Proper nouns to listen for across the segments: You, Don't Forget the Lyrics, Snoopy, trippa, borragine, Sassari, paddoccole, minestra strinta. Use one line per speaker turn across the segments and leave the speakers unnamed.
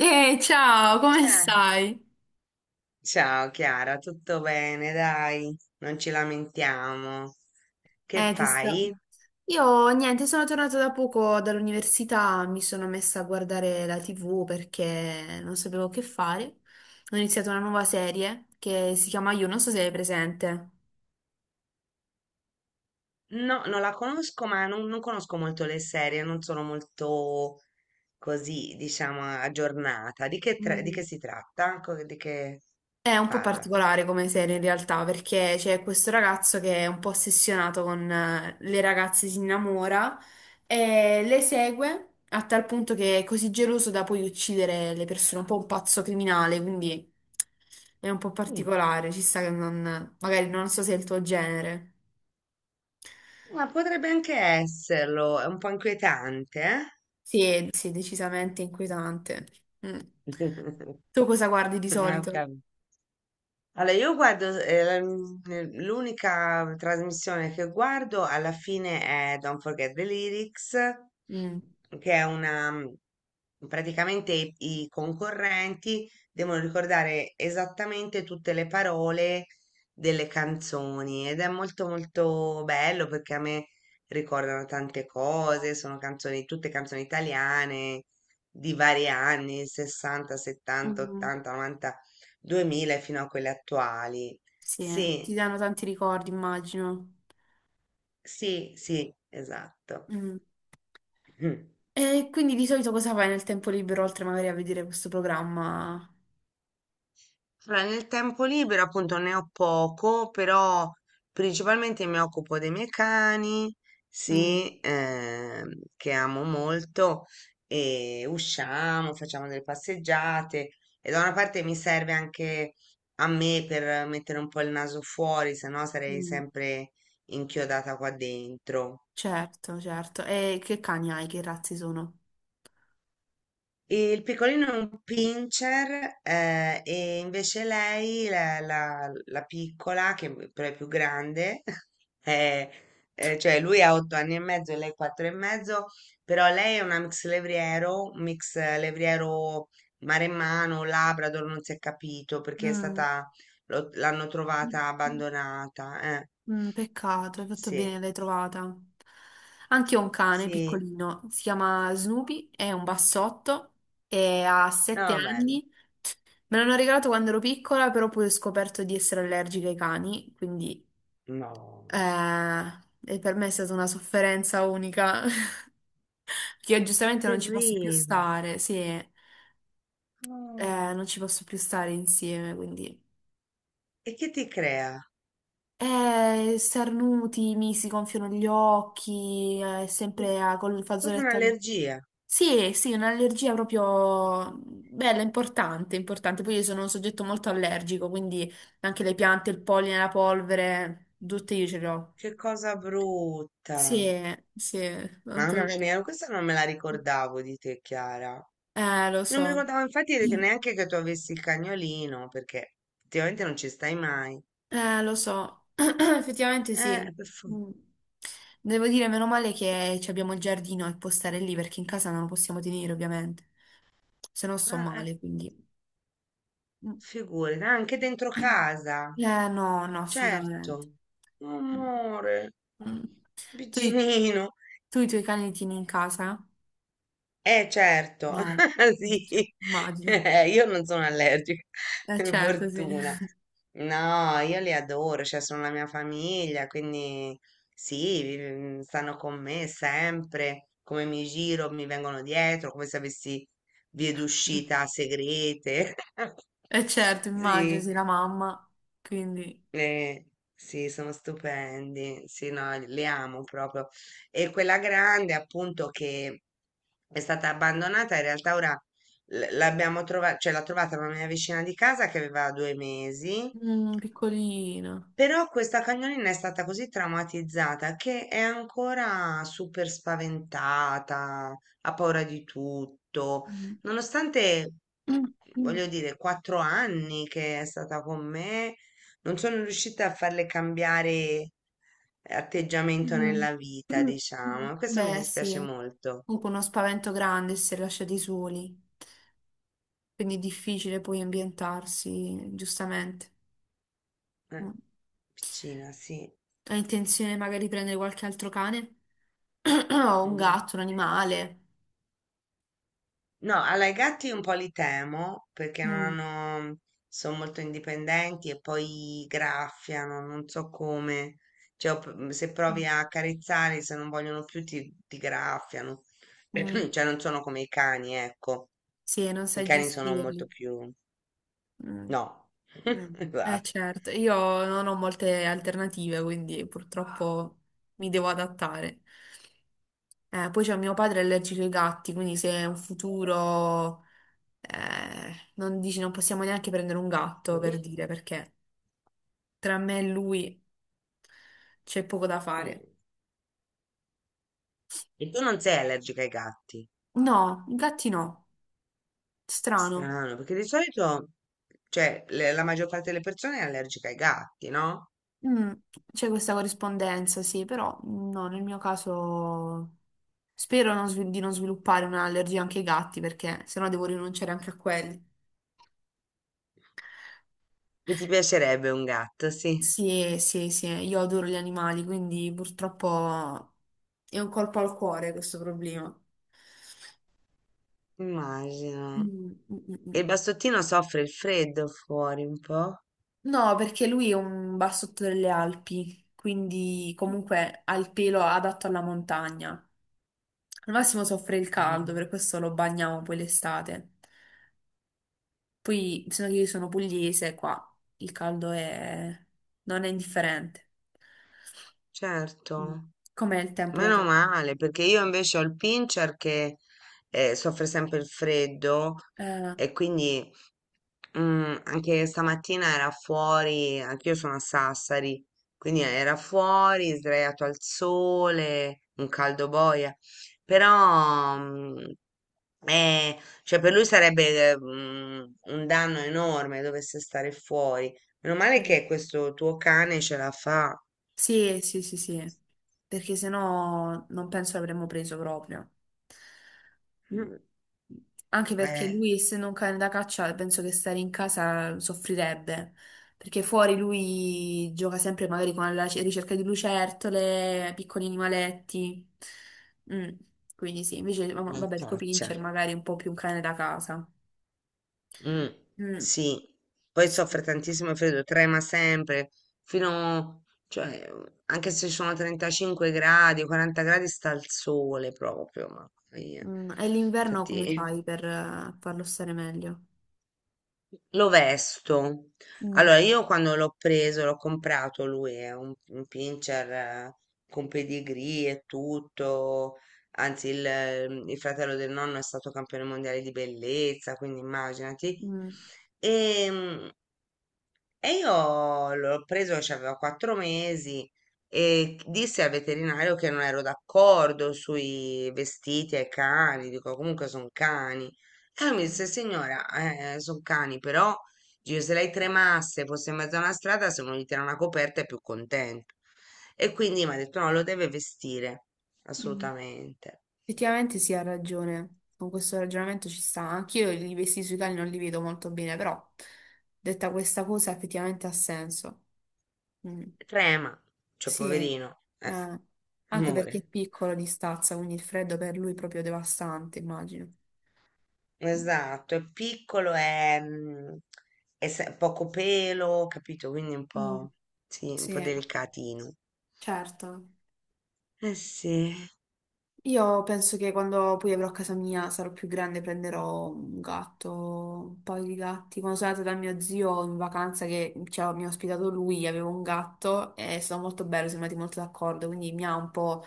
Ehi, ciao, come
Cioè,
stai?
ciao Chiara, tutto bene, dai, non ci lamentiamo. Che
Eh, ti sto...
fai?
Io niente, sono tornata da poco dall'università, mi sono messa a guardare la TV perché non sapevo che fare. Ho iniziato una nuova serie che si chiama You, non so se è presente.
No, non la conosco, ma non conosco molto le serie, non sono molto così, diciamo, aggiornata. Di che, di
Mm.
che si tratta? Di che
È un po'
parla?
particolare come serie in realtà, perché c'è questo ragazzo che è un po' ossessionato con le ragazze, si innamora e le segue a tal punto che è così geloso da poi uccidere le persone, un po' un pazzo criminale, quindi è un po'
Mm.
particolare, ci sta che non, magari non so se è il tuo genere.
Ma potrebbe anche esserlo, è un po' inquietante,
Sì, sì, è decisamente inquietante. Mm.
eh?
Tu cosa guardi di
Ah,
solito?
ok. Allora, io guardo, l'unica trasmissione che guardo alla fine è Don't Forget the Lyrics,
Mm.
che è una, praticamente i concorrenti devono ricordare esattamente tutte le parole delle canzoni ed è molto molto bello perché a me ricordano tante cose, sono canzoni, tutte canzoni italiane di vari anni, 60, 70,
Mm.
80, 90, 2000 fino a quelle attuali.
Sì, ti
Sì,
danno tanti ricordi, immagino.
sì, sì, esatto.
Mm.
Mhm.
E quindi di solito cosa fai nel tempo libero, oltre magari a vedere questo programma?
Allora, nel tempo libero appunto ne ho poco, però principalmente mi occupo dei miei cani,
Mm,
sì, che amo molto, e usciamo, facciamo delle passeggiate e da una parte mi serve anche a me per mettere un po' il naso fuori, se no sarei
mm,
sempre inchiodata qua dentro.
certo, certo. E che cani hai? Che razze sono?
E il piccolino è un pincher, e invece lei, la piccola, che è però è più grande, è- cioè lui ha 8 anni e mezzo e lei quattro e mezzo, però lei è una mix levriero, un mix levriero maremmano, Labrador, non si è capito perché è
Mm,
stata, l'hanno trovata abbandonata. Eh.
mm, peccato, hai fatto
Sì,
bene, l'hai trovata. Anche io ho un cane
sì,
piccolino, si chiama Snoopy, è un bassotto e ha sette
no, bello.
anni. Me l'hanno regalato quando ero piccola, però poi ho scoperto di essere allergica ai cani, quindi
No,
eh, e per me è stata una sofferenza unica. Che io giustamente non ci posso più
terribile.
stare, sì, non ci posso più stare insieme, quindi...
E che ti crea?
Starnuti, mi si gonfiano gli occhi, sempre col
Proprio
fazzoletto... al-
un'allergia.
Sì, sì, un'allergia proprio bella, importante, importante. Poi io sono un soggetto molto allergico, quindi anche le piante, il polline, la polvere, tutte io ce le ho.
Che cosa
Sì,
brutta.
sì,
Mamma
tanto...
mia, questa non me la ricordavo di te, Chiara.
Lo
Non mi
so.
ricordavo infatti neanche che tu avessi il cagnolino, perché effettivamente non ci stai mai.
Lo so, effettivamente sì.
Eh, per fu-
Mm. Devo dire, meno male che ci abbiamo il giardino e può stare lì perché in casa non lo possiamo tenere, ovviamente. Se no sto
eh, eh,
male, quindi. Mm.
figurati, anche dentro casa.
No, no, assolutamente.
Certo. Amore,
Mm. Tu, i-
Biginino.
tu i tuoi cani li tieni in casa?
Eh certo,
Eh, cioè,
sì,
immagino.
io non sono allergica, per
Certo, sì.
fortuna. No, io li adoro, cioè sono la mia famiglia, quindi sì, stanno con me sempre, come mi giro, mi vengono dietro, come se avessi vie d'uscita segrete.
Certo, immagino,
Sì.
sì, la mamma. Quindi,
Eh, sì, sono stupendi, sì, no, li amo proprio. E quella grande, appunto, che è stata abbandonata, in realtà ora l'abbiamo trovata, cioè l'ha trovata una mia vicina di casa che aveva 2 mesi.
mm, piccolino.
Però questa cagnolina è stata così traumatizzata che è ancora super spaventata, ha paura di tutto,
Mm.
nonostante,
Mm, mm,
voglio dire, 4 anni che è stata con me, non sono riuscita a farle cambiare atteggiamento
mm,
nella vita,
mm, mm.
diciamo. Questo mi
Beh,
dispiace
sì,
molto.
comunque uno spavento grande se lasciati soli, quindi è difficile poi ambientarsi, giustamente.
Eh,
Mm.
piccina, sì.
Hai intenzione magari di prendere qualche altro cane? O un gatto, un animale?
No, allora i gatti un po' li temo perché non
Mm,
hanno, sono molto indipendenti e poi graffiano, non so come. Cioè, se provi
mm,
a accarezzarli, se non vogliono più, ti graffiano.
mm.
Cioè, non sono come i cani, ecco.
Sì, non
I
sai
cani sono
gestirli.
molto più...
Mm,
No.
mm. Eh
Guarda.
certo, io non ho molte alternative, quindi purtroppo mi devo adattare. Poi c'è mio padre è allergico ai gatti, quindi se è un futuro, non dici, non possiamo neanche prendere un gatto per dire, perché tra me e lui c'è poco da fare.
E tu non sei allergica ai gatti?
No, i gatti no, strano.
Strano, perché di solito, cioè, la maggior parte delle persone è allergica ai gatti, no?
Mm, c'è questa corrispondenza, sì, però no, nel mio caso spero non svil- di non sviluppare un'allergia anche ai gatti, perché sennò devo rinunciare anche a quelli.
E ti piacerebbe un gatto, sì,
Sì, sì, sì, io adoro gli animali, quindi purtroppo è un colpo al cuore questo problema.
immagino.
Mm, mm,
E
mm.
il bastottino soffre il freddo fuori un po'?
No, perché lui è un bassotto delle Alpi, quindi comunque ha il pelo adatto alla montagna. Al massimo soffre il caldo, per
Mhm.
questo lo bagniamo poi l'estate. Poi, se che io sono pugliese, qua il caldo è... non è indifferente.
Certo,
Mm. Com'è il tempo da
meno
te?
male, perché io invece ho il pincher che soffre sempre il freddo
Eh,
e quindi anche stamattina era fuori, anch'io sono a Sassari, quindi era fuori, sdraiato al sole, un caldo boia, però cioè per lui sarebbe un danno enorme dovesse stare fuori. Meno male
eh.
che questo tuo cane ce la fa.
Sì, sì, sì, sì, perché sennò non penso l'avremmo preso proprio. Mm.
Mm.
Anche perché
Eh,
lui, essendo un cane da caccia, penso che stare in casa soffrirebbe, perché fuori lui gioca sempre magari con la ricerca di lucertole, piccoli animaletti. Mm, quindi sì, invece
una
vabbè, il tuo pincher
caccia.
magari è un po' più un cane da casa.
Mm,
Mm,
sì. Poi soffre
sì.
tantissimo il freddo, trema sempre, fino, cioè, anche se sono 35 gradi, 40 gradi sta al sole proprio, ma via.
Mm, e l'inverno come
Infatti,
fai per farlo stare meglio?
lo vesto.
Mm,
Allora, io quando l'ho preso, l'ho comprato lui, è un pincher, con pedigree e tutto. Anzi, il fratello del nonno è stato campione mondiale di bellezza, quindi immaginati.
mm.
E, e io l'ho preso che aveva 4 mesi e disse al veterinario che non ero d'accordo sui vestiti ai cani, dico comunque sono cani. E lui mi disse, signora, sono cani, però dice, se lei tremasse, fosse in mezzo a una strada, se uno gli tira una coperta è più contento. E quindi mi ha detto, no, lo deve vestire,
Mm.
assolutamente.
Effettivamente sì, ha ragione. Con questo ragionamento ci sta. Anch'io i vestiti sui cali non li vedo molto bene, però detta questa cosa effettivamente ha senso. Mm.
Trema, cioè
Sì,
poverino,
anche perché è
amore.
piccolo di stazza, quindi il freddo per lui è proprio devastante, immagino.
Esatto, è piccolo, è poco pelo, capito? Quindi un
Mm.
po', sì, un po'
Sì,
delicatino.
certo.
Eh sì,
Io penso che quando poi avrò casa mia sarò più grande, prenderò un gatto, un paio di gatti. Quando sono andata da mio zio in vacanza che cioè, mi ha ospitato lui, avevo un gatto e è stato molto bello, siamo andati molto d'accordo, quindi mi ha un po'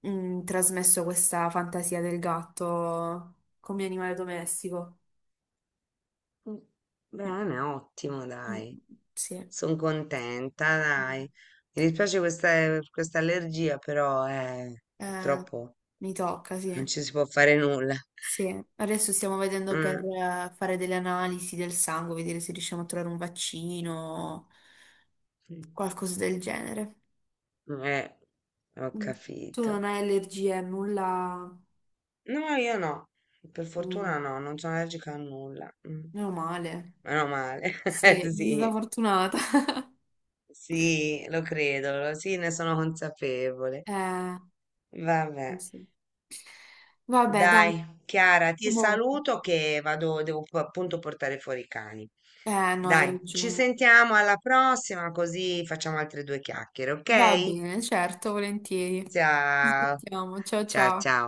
trasmesso questa fantasia del gatto come animale domestico.
mm,
Mm,
bene, ottimo,
mm,
dai.
sì,
Sono contenta, dai.
mm.
Mi dispiace questa allergia, però
Eh,
purtroppo
mi tocca, sì.
non ci si può fare nulla.
Sì, adesso stiamo vedendo per
Mm,
fare delle analisi del sangue, vedere se riusciamo a trovare un vaccino qualcosa del genere.
eh, ho
Mm. Tu
capito.
non hai allergie, nulla.
No, io no. Per
Mm.
fortuna no, non sono allergica a nulla. Mm.
Meno male.
Meno male.
Sì, sei stata
Sì.
fortunata.
Sì, lo credo, sì, ne sono consapevole.
Eh, sì.
Vabbè,
Sì. Vabbè, dai,
dai, Chiara, ti
comunque,
saluto che vado, devo appunto portare fuori i cani.
eh, no, hai
Dai, ci
ragione.
sentiamo alla prossima, così facciamo altre due chiacchiere, ok?
Va bene, certo, volentieri. Ci
Ciao,
sentiamo. Ciao
ciao,
ciao.
ciao.